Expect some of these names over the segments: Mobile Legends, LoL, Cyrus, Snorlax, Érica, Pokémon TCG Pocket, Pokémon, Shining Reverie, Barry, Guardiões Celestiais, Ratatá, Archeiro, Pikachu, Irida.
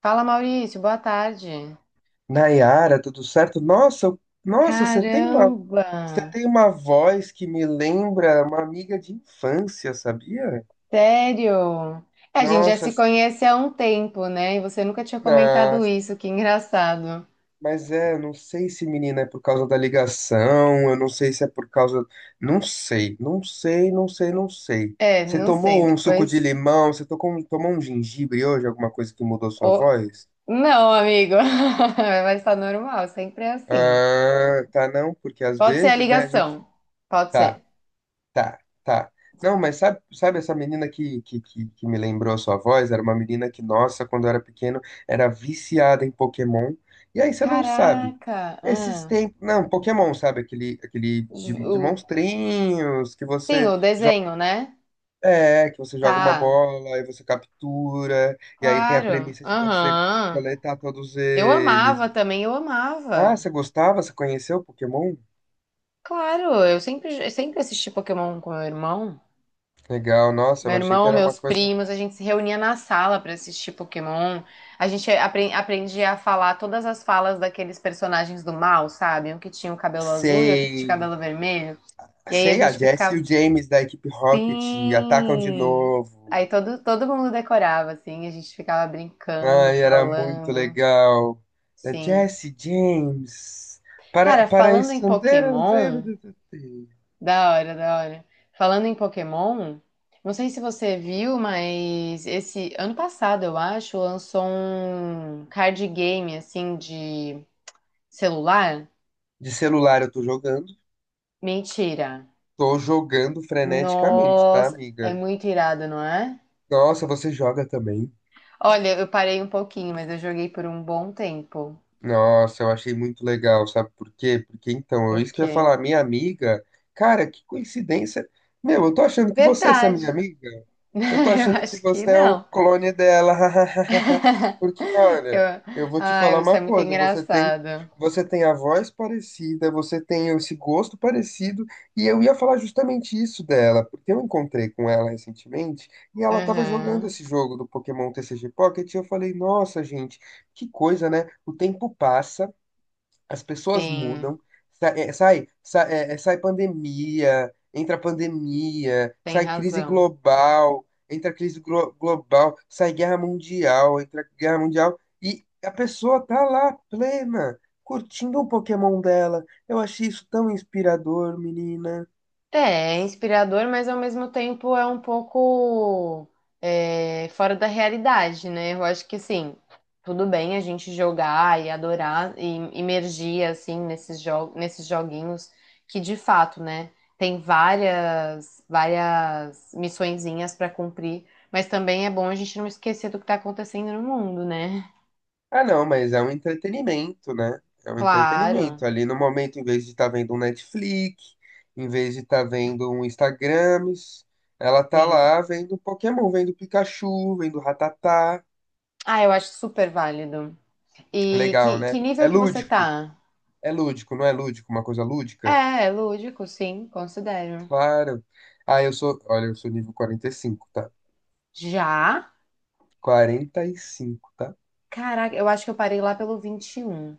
Fala, Maurício, boa tarde. Nayara, tudo certo? Nossa, nossa, você tem uma, Caramba, você tem uma voz que me lembra uma amiga de infância, sabia? sério? É, a gente já Nossa, se sim, conhece há um tempo, né? E você nunca tinha na- comentado isso, que engraçado. mas é, eu não sei se menina é por causa da ligação, eu não sei se é por causa, não sei. É, Você não sei, tomou um suco de depois. limão? Você tomou um gengibre hoje? Alguma coisa que mudou sua Ô, voz? não, amigo, vai estar normal, sempre é assim. Ah, tá não, porque às Pode ser a vezes, né, a gente ligação, pode tá. ser. Tá, tá. Não, mas sabe essa menina que me lembrou a sua voz? Era uma menina que, nossa, quando eu era pequeno, era viciada em Pokémon. E aí você não sabe. Caraca, Esses ah, tempos. Não, Pokémon, sabe? Aquele, aquele ju- de o- monstrinhos que sim, você o joga. desenho, né? É, que você joga uma Tá, bola e você captura. E aí tem a claro, premissa de você aham. coletar todos Eu eles. amava também, eu Ah, amava. você gostava? Você conheceu Pokémon? Claro, eu sempre assisti Pokémon com meu irmão. Legal, nossa, eu Meu achei que irmão, era uma meus coisa. primos, a gente se reunia na sala pra assistir Pokémon. A gente aprendia a falar todas as falas daqueles personagens do mal, sabe? Um que tinha o cabelo azul e outro que tinha o Sei, cabelo vermelho. E aí a Sei, a gente Jess e ficava, o James da equipe Rocket atacam de sim! novo. Aí todo mundo decorava, assim, a gente ficava brincando, Ai, era muito falando. legal. A Sim. Jess James. Para, Cara, para falando em esconder. Pokémon. Débitos. Da hora, da hora. Falando em Pokémon, não sei se você viu, mas esse ano passado, eu acho, lançou um card game assim de celular. De celular eu tô jogando. Mentira. Tô jogando freneticamente, tá, Nossa, é amiga? muito irado, não é? Nossa, você joga também? Olha, eu parei um pouquinho, mas eu joguei por um bom tempo. Nossa, eu achei muito legal, sabe por quê? Porque então, Por é isso que eu ia quê? falar, minha amiga. Cara, que coincidência. Meu, eu tô achando que você, essa minha Verdade. amiga. Eu tô Eu achando que acho que você é um não. clone dela. Porque, olha, Eu... eu vou te Ai, falar você uma é muito coisa, você tem, engraçado. você tem a voz parecida, você tem esse gosto parecido, e eu ia falar justamente isso dela, porque eu encontrei com ela recentemente e ela tava jogando Aham, esse jogo do Pokémon TCG Pocket, e eu falei, nossa, gente, que coisa, né? O tempo passa as pessoas sim, mudam, sa- é, sai, sa- é, é, sai pandemia, entra pandemia, tem sai crise razão. global, entra global, sai guerra mundial, entra guerra mundial, e a pessoa tá lá plena, curtindo o Pokémon dela. Eu achei isso tão inspirador, menina. É, é inspirador, mas ao mesmo tempo é um pouco é, fora da realidade, né? Eu acho que sim, tudo bem a gente jogar e adorar e imergir assim nesses joguinhos que de fato, né, tem várias missõezinhas para cumprir, mas também é bom a gente não esquecer do que tá acontecendo no mundo, né? Ah, não, mas é um entretenimento, né? É um Claro, entretenimento. Ali no momento, em vez de estar vendo um Netflix, em vez de estar vendo um Instagrams, ela tá sim. lá vendo Pokémon, vendo Pikachu, vendo Ratatá. Ah, eu acho super válido. E Legal, que né? É nível que você lúdico. tá? É lúdico, não é lúdico? Uma coisa lúdica? É, lúdico, sim, considero. Claro. Ah, eu sou. Olha, eu sou nível 45, tá? Já? 45, tá? Caraca, eu acho que eu parei lá pelo 21.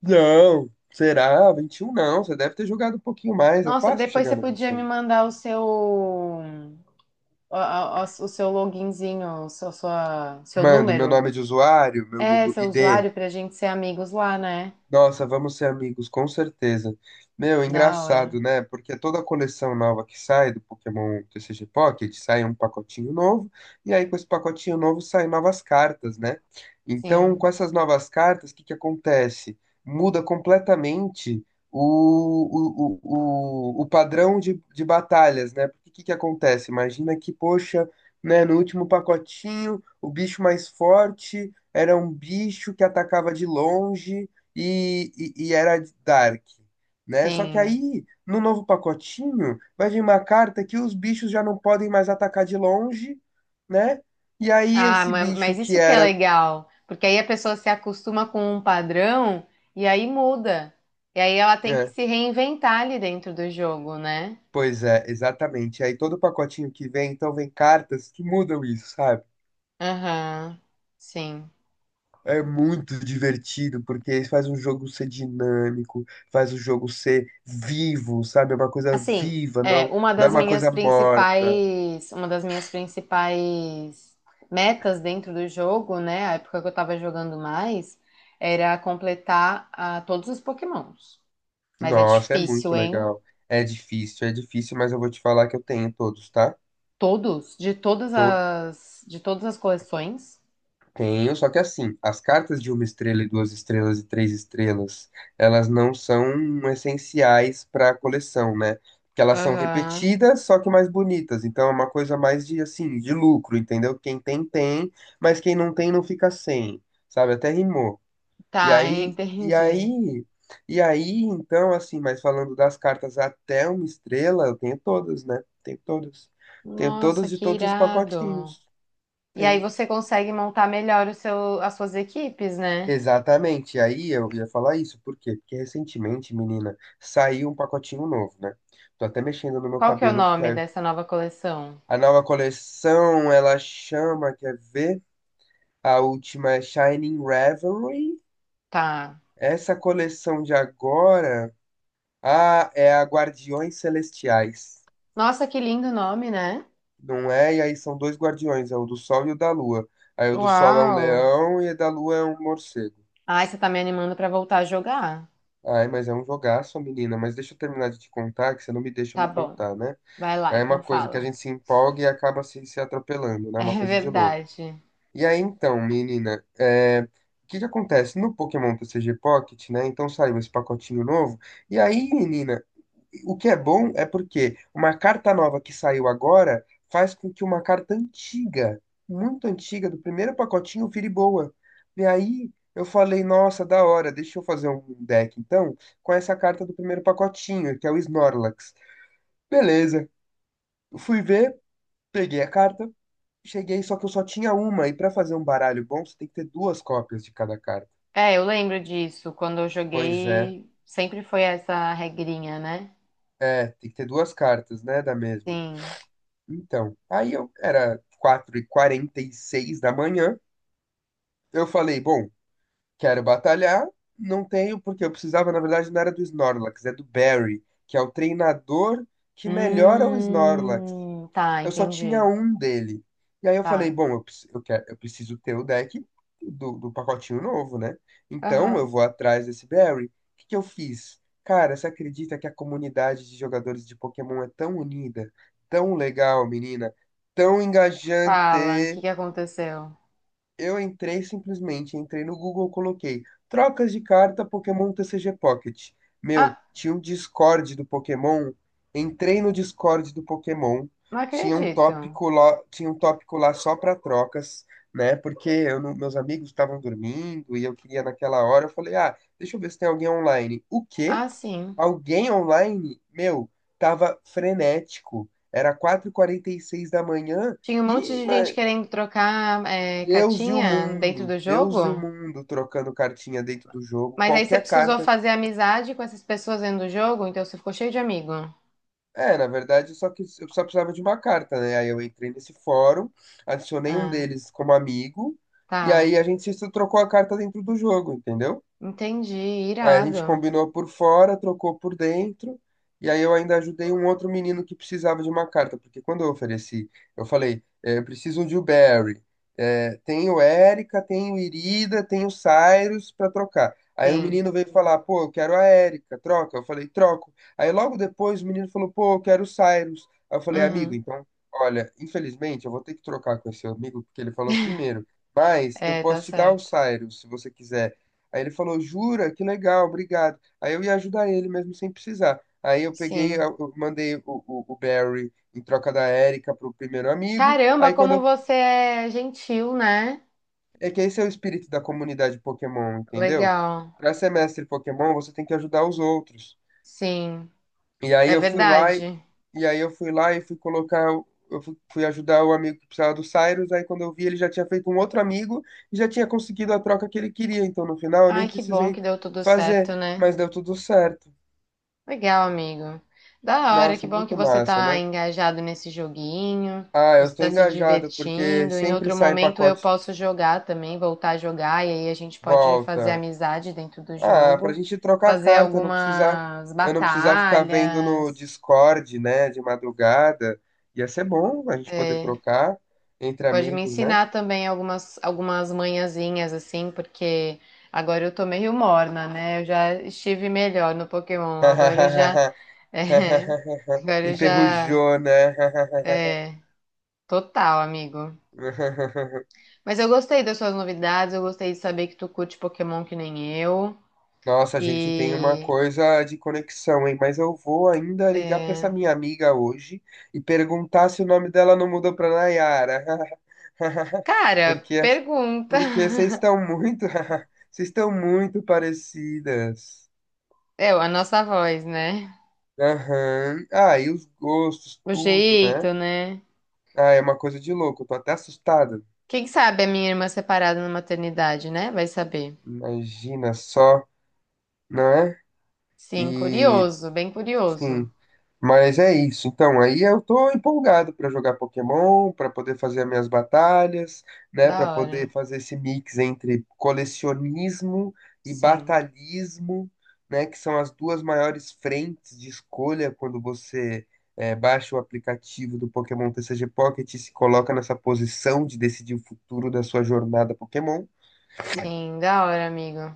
Não! Será? 21? Não. Você deve ter jogado um pouquinho mais. É Nossa, fácil depois chegar você no vinte podia e me um. mandar o seu loginzinho, seu Mando meu número. nome é de usuário, meu É, seu ID, usuário pra gente ser amigos lá, né? nossa, vamos ser amigos, com certeza. Meu, Da engraçado, hora. né? Porque toda coleção nova que sai do Pokémon TCG Pocket sai um pacotinho novo, e aí com esse pacotinho novo saem novas cartas, né? Então, Sim, com essas novas cartas, o que que acontece? Muda completamente o padrão de batalhas, né? Porque o que que acontece? Imagina que, poxa, né, no último pacotinho, o bicho mais forte era um bicho que atacava de longe e, e era Dark, né? Só que sim. aí, no novo pacotinho, vai vir uma carta que os bichos já não podem mais atacar de longe, né? E aí Ah, esse bicho mas que isso que é era. legal, porque aí a pessoa se acostuma com um padrão e aí muda. E aí ela tem que É, se reinventar ali dentro do jogo, né? pois é, exatamente. Aí todo pacotinho que vem, então vem cartas que mudam isso, sabe? Aham, sim. É muito divertido, porque faz o jogo ser dinâmico, faz o jogo ser vivo, sabe? É uma coisa Assim, viva, é, não, uma não é das uma minhas coisa morta. principais, uma das minhas principais metas dentro do jogo, né, a época que eu tava jogando mais, era completar ah, todos os Pokémons. Mas é Nossa, é difícil, muito hein? legal. É difícil, mas eu vou te falar que eu tenho todos, tá? Todos, Tô, de todas as coleções. tenho, só que assim, as cartas de uma estrela e duas estrelas e três estrelas, elas não são essenciais para a coleção, né? Porque elas são Aham. repetidas, só que mais bonitas. Então é uma coisa mais de assim, de lucro, entendeu? Quem tem, tem, mas quem não tem, não fica sem. Sabe? Até rimou. E Tá, aí, e entendi. aí, então, assim, mas falando das cartas até uma estrela, eu tenho todas, né? Tenho todas. Tenho Nossa, todas de que todos os irado. pacotinhos. E aí Tem. você consegue montar melhor as suas equipes, né? Exatamente. E aí eu ia falar isso, por quê? Porque recentemente, menina, saiu um pacotinho novo, né? Tô até mexendo no meu Qual que é o cabelo, porque nome a, dessa nova coleção? a nova coleção, ela chama, quer ver? A última é Shining Reverie. Tá. Essa coleção de agora, ah, é a Guardiões Celestiais. Nossa, que lindo nome, né? Não é? E aí são dois guardiões, é o do Sol e o da Lua. Aí o do Sol é um Uau! leão e o da Lua é um morcego. Ai, você tá me animando pra voltar a jogar. Ai, mas é um jogaço, menina. Mas deixa eu terminar de te contar, que você não me deixa Tá me bom. contar, né? Vai lá, Aí é então uma coisa que a fala. gente se empolga e acaba se atropelando, né? É uma É coisa de louco. verdade. E aí então, menina, é, o que que acontece? No Pokémon TCG Pocket, né? Então saiu esse pacotinho novo. E aí, menina, o que é bom é porque uma carta nova que saiu agora faz com que uma carta antiga, muito antiga, do primeiro pacotinho vire boa. E aí eu falei, nossa, da hora, deixa eu fazer um deck então com essa carta do primeiro pacotinho, que é o Snorlax. Beleza, fui ver, peguei a carta, cheguei, só que eu só tinha uma, e pra fazer um baralho bom você tem que ter duas cópias de cada carta. É, eu lembro disso. Quando eu Pois é, joguei, sempre foi essa regrinha, né? é, tem que ter duas cartas, né, da mesma. Sim. Então, aí eu era 4 e seis da manhã. Eu falei, bom, quero batalhar, não tenho, porque eu precisava, na verdade, não era do Snorlax, é do Barry, que é o treinador que melhora o Snorlax Tá, eu só tinha entendi. um dele. E aí eu falei, Tá. bom, eu preciso ter o deck do pacotinho novo, né? Então eu Aham. vou atrás desse Barry. O que que eu fiz? Cara, você acredita que a comunidade de jogadores de Pokémon é tão unida, tão legal, menina, tão Fala, o que engajante? que aconteceu? Eu entrei simplesmente, entrei no Google, coloquei trocas de carta Pokémon TCG Pocket. Meu, Ah, tinha um Discord do Pokémon. Entrei no Discord do Pokémon. não acredito. Tinha um tópico lá só para trocas, né? Porque eu não- meus amigos estavam dormindo e eu queria naquela hora. Eu falei, ah, deixa eu ver se tem alguém online. O quê? Ah, sim. Alguém online? Meu, tava frenético. Era 4:46 da manhã. Tinha um monte E, de ma- gente querendo trocar é, Deus e o cartinha dentro mundo, do jogo, trocando cartinha dentro do jogo, mas aí você qualquer precisou carta. fazer amizade com essas pessoas dentro do jogo, então você ficou cheio de amigo. É, na verdade, só que eu só precisava de uma carta, né? Aí eu entrei nesse fórum, adicionei um Ah, deles como amigo, e tá. aí a gente se trocou a carta dentro do jogo, entendeu? Entendi. Aí a gente Irado. combinou por fora, trocou por dentro, e aí eu ainda ajudei um outro menino que precisava de uma carta, porque quando eu ofereci, eu falei, eu preciso de o Barry, tem o Érica, tem o Irida, tem o Cyrus para trocar. Aí o Sim. menino veio falar, pô, eu quero a Érica, troca. Eu falei, troco. Aí logo depois o menino falou, pô, eu quero o Cyrus. Aí eu falei, amigo, Uhum. então, olha, infelizmente eu vou ter que trocar com esse amigo, porque ele falou primeiro, mas eu É, tá posso te dar o certo. Cyrus, se você quiser. Aí ele falou, jura? Que legal, obrigado. Aí eu ia ajudar ele mesmo sem precisar. Aí eu peguei, Sim. eu mandei o Barry em troca da Erika pro primeiro amigo. Caramba, Aí quando como eu... você é gentil, né? É que esse é o espírito da comunidade Pokémon, entendeu? Legal. Pra ser mestre Pokémon, você tem que ajudar os outros. Sim. E aí É eu fui lá e, verdade. e aí eu fui lá e fui colocar... Eu fui ajudar o amigo que precisava do Cyrus, aí quando eu vi ele já tinha feito um outro amigo e já tinha conseguido a troca que ele queria, então no final eu nem Ai, que bom precisei que deu tudo fazer, certo, né? mas deu tudo certo. Legal, amigo. Da hora, que Nossa, bom que muito você massa, tá né? engajado nesse joguinho, Ah, eu você tô tá se engajado porque divertindo. Em sempre outro sai em momento eu pacote posso jogar também, voltar a jogar, e aí a gente pode fazer volta. amizade dentro do Ah, pra jogo, gente trocar a fazer carta, não precisar, algumas eu não precisar ficar vendo no batalhas. Discord, né, de madrugada. Ia ser bom a gente poder É, trocar você entre pode me amigos, né? ensinar também algumas manhãzinhas, assim, porque agora eu tô meio morna, né? Eu já estive melhor no Pokémon, agora eu já. é, agora eu já. Enferrujou, né? É, total, amigo. Mas eu gostei das suas novidades, eu gostei de saber que tu curte Pokémon que nem eu. Nossa, a gente tem uma E. coisa de conexão, hein? Mas eu vou ainda ligar pra essa é, minha amiga hoje e perguntar se o nome dela não mudou pra Nayara. cara, Porque, pergunta. porque vocês estão muito, vocês estão muito parecidas. É, a nossa voz, né? Aham. Ah, e os gostos, O tudo, né? jeito, né? Ah, é uma coisa de louco. Eu tô até assustado. Quem sabe a minha irmã separada na maternidade, né? Vai saber. Imagina só, não é? Sim, E curioso, bem curioso. sim, mas é isso. Então, aí eu tô empolgado pra jogar Pokémon, pra poder fazer as minhas batalhas, né, pra Da hora. poder fazer esse mix entre colecionismo e Sim. batalhismo, né, que são as duas maiores frentes de escolha quando você baixa o aplicativo do Pokémon TCG Pocket e se coloca nessa posição de decidir o futuro da sua jornada Pokémon. Sim, da hora, amigo.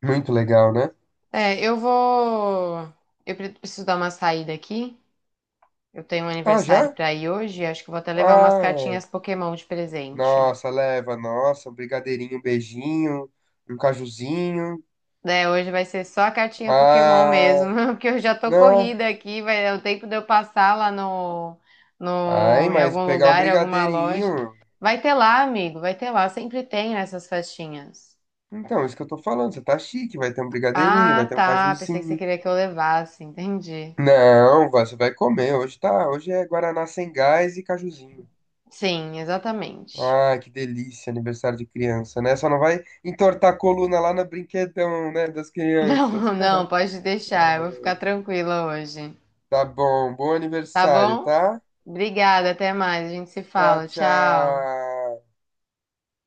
Muito legal, né? É, eu vou. Eu preciso dar uma saída aqui. Eu tenho um Ah, aniversário já? pra ir hoje, acho que vou até levar umas Ah, cartinhas Pokémon de presente. nossa, leva, nossa, um brigadeirinho, um beijinho, um cajuzinho. Né, hoje vai ser só a cartinha Pokémon Ah, mesmo, porque eu já tô não. corrida aqui, vai dar o tempo de eu passar lá Ai, no, em mas algum pegar um lugar, em alguma loja. brigadeirinho. Vai ter lá, amigo, vai ter lá, sempre tem nessas festinhas. Então, isso que eu tô falando, você tá chique, vai ter um brigadeirinho, vai Ah, ter um tá, pensei que você cajuzinho. queria que eu levasse, entendi. Não, você vai comer, hoje tá, hoje é guaraná sem gás e cajuzinho. Sim, exatamente. Ai, que delícia, aniversário de criança, né? Só não vai entortar a coluna lá no brinquedão, né, das Não, crianças. não, pode deixar, eu vou Ah, ficar tranquila hoje. tá bom, bom Tá aniversário, bom? tá? Obrigada, até mais. A gente se Tchau, fala. Tchau. tchau.